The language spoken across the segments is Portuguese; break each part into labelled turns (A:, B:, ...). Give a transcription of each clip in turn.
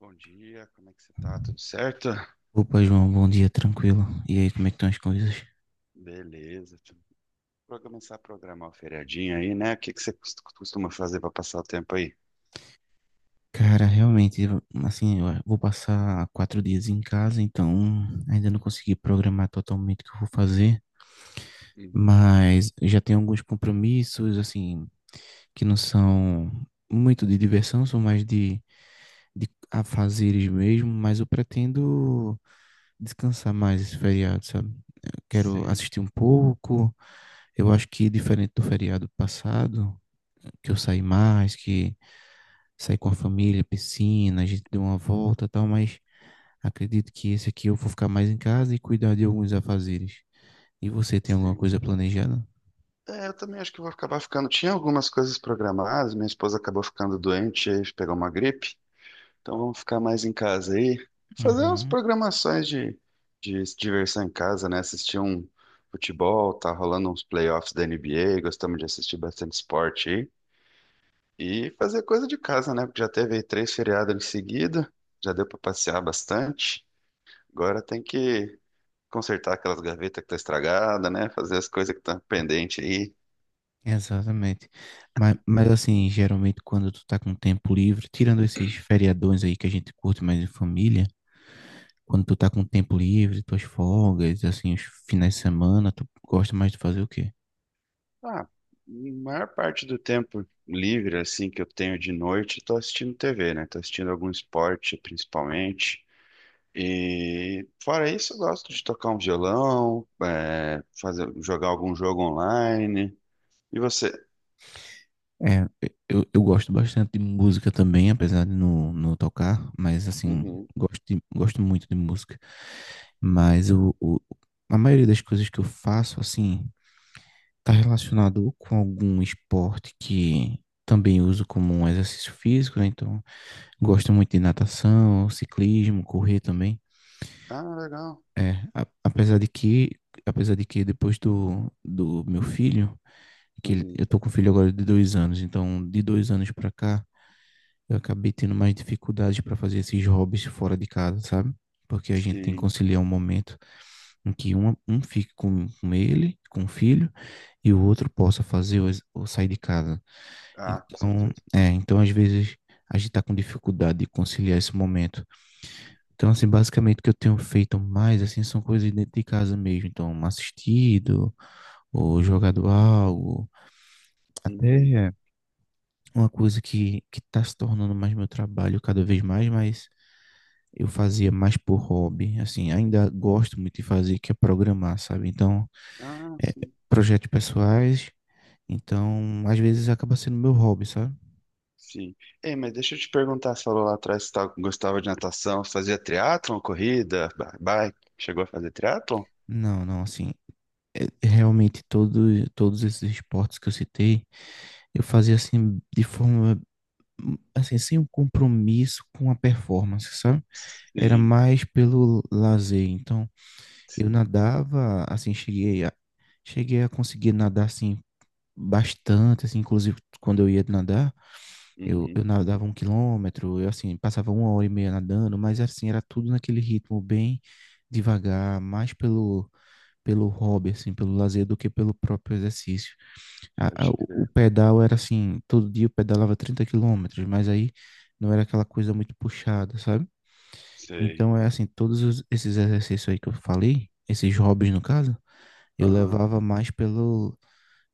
A: Bom dia, como é que você tá? Tudo certo?
B: Opa, João, bom dia, tranquilo. E aí, como é que estão as coisas?
A: Beleza. Pra começar a programar o feriadinho aí, né? O que que você costuma fazer pra passar o tempo aí?
B: Cara, realmente, assim, eu vou passar 4 dias em casa, então ainda não consegui programar totalmente o que eu vou fazer,
A: Uhum.
B: mas já tenho alguns compromissos, assim, que não são muito de diversão, são mais de afazeres mesmo, mas eu pretendo descansar mais esse feriado, sabe? Eu quero
A: Sim,
B: assistir um pouco. Eu acho que diferente do feriado passado, que eu saí mais, que saí com a família, piscina, a gente deu uma volta e tal, mas acredito que esse aqui eu vou ficar mais em casa e cuidar de alguns afazeres. E você tem alguma
A: sim.
B: coisa planejada?
A: É, eu também acho que vou acabar ficando. Tinha algumas coisas programadas, minha esposa acabou ficando doente, aí pegou uma gripe. Então vamos ficar mais em casa aí. Fazer umas
B: Uhum,
A: programações de diversão em casa, né? Assistir um futebol, tá rolando uns playoffs da NBA, gostamos de assistir bastante esporte. E fazer coisa de casa, né? Porque já teve aí três feriados em seguida, já deu para passear bastante. Agora tem que consertar aquelas gavetas que tá estragada, né? Fazer as coisas que estão pendentes aí.
B: exatamente. Mas assim, geralmente quando tu tá com tempo livre, tirando esses feriadões aí que a gente curte mais em família, quando tu tá com tempo livre, tuas folgas, assim, os finais de semana, tu gosta mais de fazer o quê?
A: Ah, a maior parte do tempo livre, assim, que eu tenho de noite, eu tô assistindo TV, né? Tô assistindo algum esporte, principalmente. E fora isso, eu gosto de tocar um violão, é, fazer, jogar algum jogo online. E você?
B: É, eu gosto bastante de música também, apesar de não tocar, mas assim,
A: Uhum.
B: gosto muito de música. Mas o, o- a maioria das coisas que eu faço, assim, tá relacionado com algum esporte que também uso como um exercício físico, né? Então, gosto muito de natação, ciclismo, correr também.
A: Ah, legal.
B: É, a- apesar de que, apesar de que depois do meu filho,
A: Uhum.
B: eu tô com um filho agora de 2 anos, então de 2 anos pra cá eu acabei tendo mais dificuldade para fazer esses hobbies fora de casa, sabe? Porque a gente tem que
A: Sim.
B: conciliar um momento em que um fique com ele, com o filho, e o outro possa fazer ou sair de casa.
A: Ah, com
B: Então,
A: certeza.
B: então às vezes a gente tá com dificuldade de conciliar esse momento. Então, assim, basicamente o que eu tenho feito mais, assim, são coisas dentro de casa mesmo. Então, assistido, ou jogado algo,
A: Uhum.
B: até uma coisa que tá se tornando mais meu trabalho cada vez mais, mas eu fazia mais por hobby, assim, ainda gosto muito de fazer, que é programar, sabe? Então,
A: Ah,
B: é,
A: sim.
B: projetos pessoais, então, às vezes acaba sendo meu hobby, sabe?
A: Sim. Ei, mas deixa eu te perguntar, você falou lá atrás que gostava de natação, você fazia triatlon, corrida, bike, chegou a fazer triatlon?
B: Não, não, assim, realmente todos esses esportes que eu citei, eu fazia assim, de forma, assim, sem um compromisso com a performance, sabe? Era
A: Sim,
B: mais pelo lazer, então, eu
A: sim.
B: nadava, assim, cheguei a conseguir nadar, assim, bastante, assim, inclusive quando eu ia nadar, eu
A: Uhum,
B: nadava 1 quilômetro, eu assim, passava 1 hora e meia nadando, mas assim, era tudo naquele ritmo bem devagar, mais pelo hobby, assim, pelo lazer do que pelo próprio exercício. A- a-
A: pode
B: o o
A: crer.
B: pedal era assim, todo dia eu pedalava 30 quilômetros, mas aí não era aquela coisa muito puxada, sabe?
A: Sei.
B: Então é assim, esses exercícios aí que eu falei, esses hobbies no caso, eu
A: Aham.
B: levava mais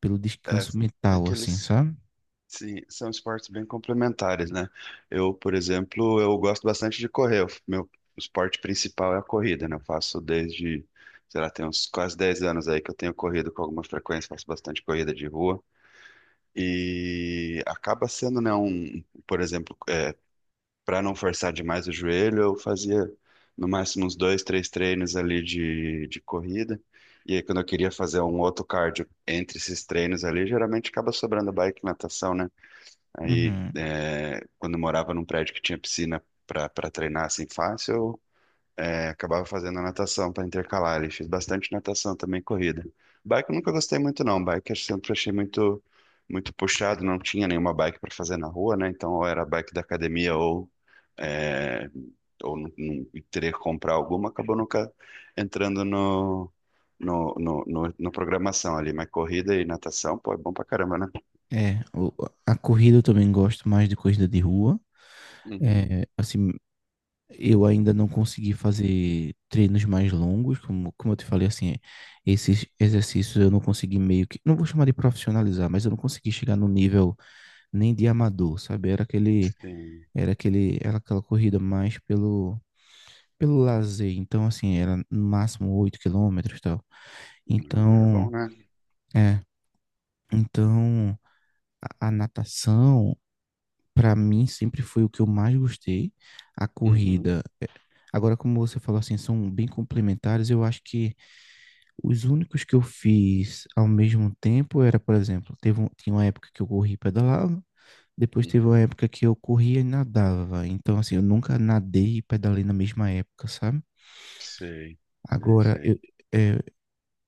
B: pelo
A: É,
B: descanso
A: é
B: mental,
A: que
B: assim,
A: eles,
B: sabe?
A: sim, são esportes bem complementares, né? Eu, por exemplo, eu gosto bastante de correr. Meu esporte principal é a corrida, né? Eu faço desde, sei lá, tem uns quase 10 anos aí que eu tenho corrido com alguma frequência, faço bastante corrida de rua. E acaba sendo, né, um, por exemplo, é, para não forçar demais o joelho, eu fazia no máximo uns dois, três treinos ali de corrida. E aí, quando eu queria fazer um outro cardio entre esses treinos ali, geralmente acaba sobrando bike e natação, né? Aí,
B: Uhum.
A: é, quando eu morava num prédio que tinha piscina para treinar assim fácil, é, acabava fazendo a natação para intercalar. Ele fez bastante natação também, corrida. Bike eu nunca gostei muito, não. Bike eu sempre achei muito, muito puxado, não tinha nenhuma bike para fazer na rua, né? Então, ou era bike da academia ou, é, ou teria que comprar alguma. Acabou nunca entrando no programação ali. Mas corrida e natação, pô, é bom pra caramba, né?
B: É, o- a corrida eu também gosto mais de corrida de rua.
A: Uhum.
B: É, assim, eu ainda não consegui fazer treinos mais longos, como eu te falei, assim, esses exercícios eu não consegui meio que, não vou chamar de profissionalizar, mas eu não consegui chegar no nível nem de amador, sabe? Era aquele,
A: Sim.
B: era aquele, era aquela corrida mais pelo lazer. Então, assim, era no máximo 8 quilômetros e tal.
A: Não, é bom,
B: Então,
A: né?
B: é, então a natação, para mim sempre foi o que eu mais gostei, a
A: Uhum.
B: corrida. É, agora, como você falou assim, são bem complementares, eu acho que os únicos que eu fiz ao mesmo tempo era, por exemplo, tinha uma época que eu corri e pedalava, depois teve uma
A: Uhum.
B: época que eu corria e nadava. Então, assim, eu nunca nadei e pedalei na mesma época, sabe?
A: Sei, sei,
B: Agora,
A: sei.
B: eu, é,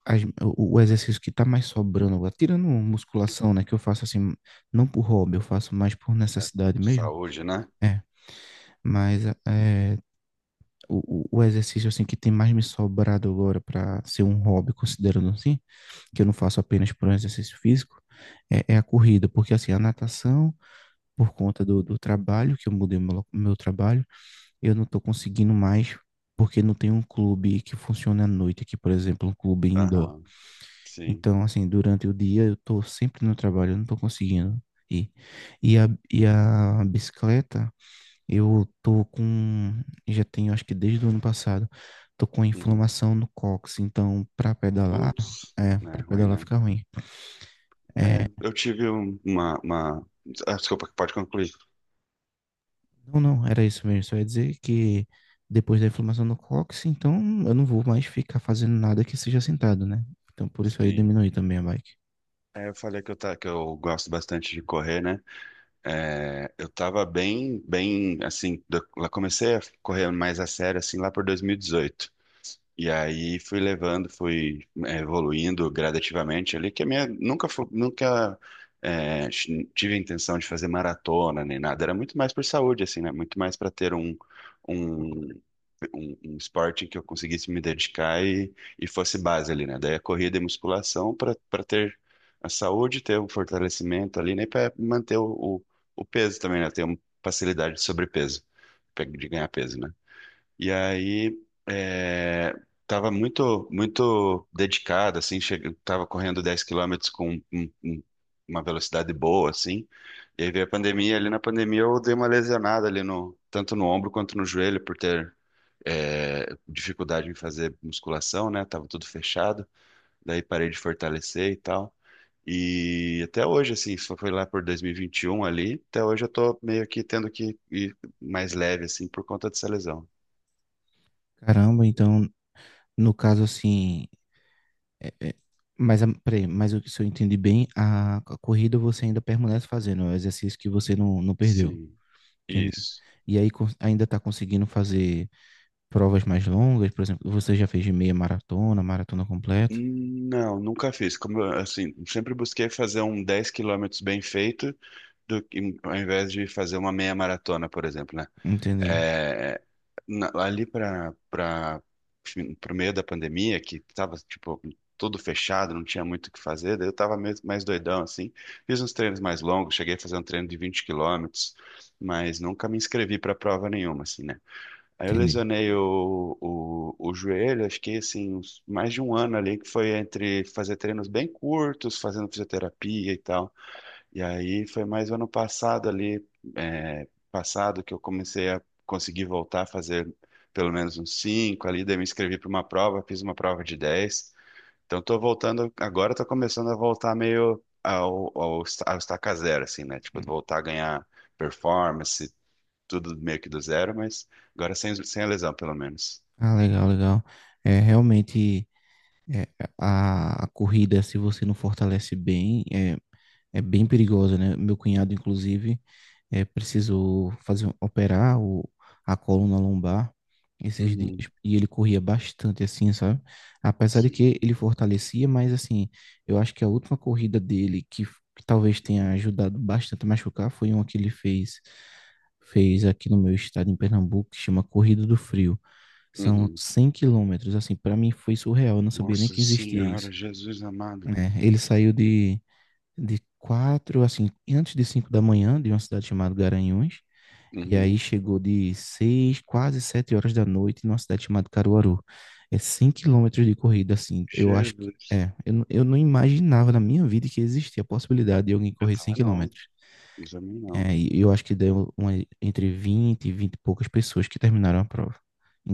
B: as- o exercício que tá mais sobrando agora, tirando musculação, né, que eu faço assim, não por hobby, eu faço mais por
A: É,
B: necessidade mesmo,
A: saúde, né?
B: é. Mas o exercício assim que tem mais me sobrado agora para ser um hobby, considerando assim, que eu não faço apenas por um exercício físico, é a corrida, porque assim, a natação, por conta do trabalho, que eu mudei meu trabalho, eu não estou conseguindo mais, porque não tem um clube que funcione à noite aqui, por exemplo, um clube indoor.
A: Aham, sim.
B: Então, assim, durante o dia eu estou sempre no trabalho, eu não estou conseguindo ir. E a bicicleta, eu tô com, já tenho acho que desde o ano passado, tô com
A: Uhum.
B: inflamação no cóccix, então
A: Putz, é
B: para
A: ruim,
B: pedalar
A: né?
B: fica ruim. É,
A: É, eu tive uma... Ah, desculpa, pode concluir.
B: não, não, era isso mesmo. Só ia dizer que depois da inflamação no cóccix, então eu não vou mais ficar fazendo nada que seja sentado, né? Então por isso aí
A: Sim.
B: diminui também a bike.
A: É, eu falei que tá que eu gosto bastante de correr, né? É, eu tava bem, bem, assim, lá comecei a correr mais a sério, assim, lá por 2018. E aí fui levando, fui evoluindo gradativamente ali, que a minha nunca tive a intenção de fazer maratona nem nada, era muito mais por saúde assim, né? Muito mais para ter um, um esporte que eu conseguisse me dedicar e fosse base ali, né? Daí a corrida e musculação para ter a saúde, ter o fortalecimento ali, né? Para manter o peso também, né? Ter uma facilidade de sobrepeso, de ganhar peso, né? E aí é, tava muito dedicado, assim, tava correndo 10 quilômetros com uma velocidade boa, assim. E aí veio a pandemia, ali na pandemia eu dei uma lesionada ali no tanto no ombro quanto no joelho por ter é, dificuldade em fazer musculação, né? Tava tudo fechado, daí parei de fortalecer e tal. E até hoje, assim, só foi lá por 2021 ali, até hoje eu tô meio que tendo que ir mais leve, assim, por conta dessa lesão.
B: Caramba, então no caso assim, é, é, mas peraí, mas o que se eu entendi bem, a corrida você ainda permanece fazendo, é o exercício que você não perdeu.
A: Sim.
B: Entendi.
A: Isso.
B: E aí ainda está conseguindo fazer provas mais longas, por exemplo, você já fez de meia maratona, maratona completa?
A: Não, nunca fiz. Como eu, assim, sempre busquei fazer um 10 quilômetros bem feito, ao invés de fazer uma meia maratona, por exemplo, né?
B: Entendi,
A: É, ali para o meio da pandemia, que estava tipo tudo fechado, não tinha muito o que fazer, daí eu estava mais doidão assim. Fiz uns treinos mais longos, cheguei a fazer um treino de 20 quilômetros, mas nunca me inscrevi para prova nenhuma, assim, né? Aí eu
B: entendi.
A: lesionei o joelho, acho que assim, mais de um ano ali, que foi entre fazer treinos bem curtos, fazendo fisioterapia e tal. E aí foi mais o ano passado ali, que eu comecei a conseguir voltar a fazer pelo menos uns cinco ali, daí me inscrevi para uma prova, fiz uma prova de 10. Então tô voltando, agora tô começando a voltar meio ao estaca zero, assim, né? Tipo, voltar a ganhar performance, tudo meio que do zero, mas agora sem, sem a lesão, pelo menos.
B: Ah, legal, legal. É realmente é, a corrida, se você não fortalece bem, é bem perigosa, né? Meu cunhado, inclusive, precisou operar a coluna lombar esses dias
A: Uhum,
B: e ele corria bastante assim, sabe? Apesar de
A: sim.
B: que ele fortalecia, mas assim, eu acho que a última corrida dele que talvez tenha ajudado bastante a machucar foi uma que ele fez aqui no meu estado em Pernambuco, que chama Corrida do Frio. São
A: Uhum.
B: 100 quilômetros, assim, para mim foi surreal, eu não sabia nem
A: Nossa
B: que existia
A: Senhora,
B: isso.
A: Jesus amado.
B: Né? Ele saiu de quatro, assim, antes de 5 da manhã, de uma cidade chamada Garanhuns, e aí
A: Uhum.
B: chegou de seis, quase 7 horas da noite numa cidade chamada Caruaru. É 100 quilômetros de corrida, assim. Eu acho que
A: Jesus.
B: é. Eu não imaginava na minha vida que existia a possibilidade de alguém
A: Eu
B: correr 100
A: também não,
B: quilômetros.
A: eu também não.
B: É, e eu acho que deu uma, entre 20 e 20 e poucas pessoas que terminaram a prova.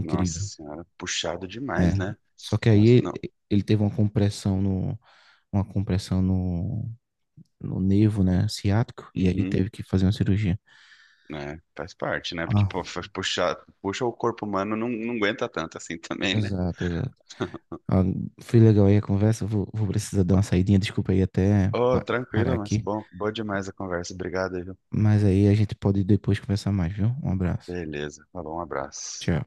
A: Nossa Senhora, puxado demais,
B: É.
A: né?
B: Só que aí
A: Nossa,
B: ele,
A: não.
B: ele teve uma compressão no nervo, né, ciático, e aí
A: Uhum.
B: teve que fazer uma cirurgia.
A: É, faz parte, né? Porque
B: Ah,
A: pô, faz puxar, puxa o corpo humano não, não aguenta tanto assim também, né?
B: exato, exato. Ó, foi legal aí a conversa. Eu vou precisar dar uma saidinha. Desculpa aí até
A: Oh,
B: parar
A: tranquilo, mas
B: aqui.
A: bom, boa demais a conversa. Obrigado, aí, viu?
B: Mas aí a gente pode depois conversar mais, viu? Um abraço.
A: Beleza. Falou, um abraço.
B: Tchau.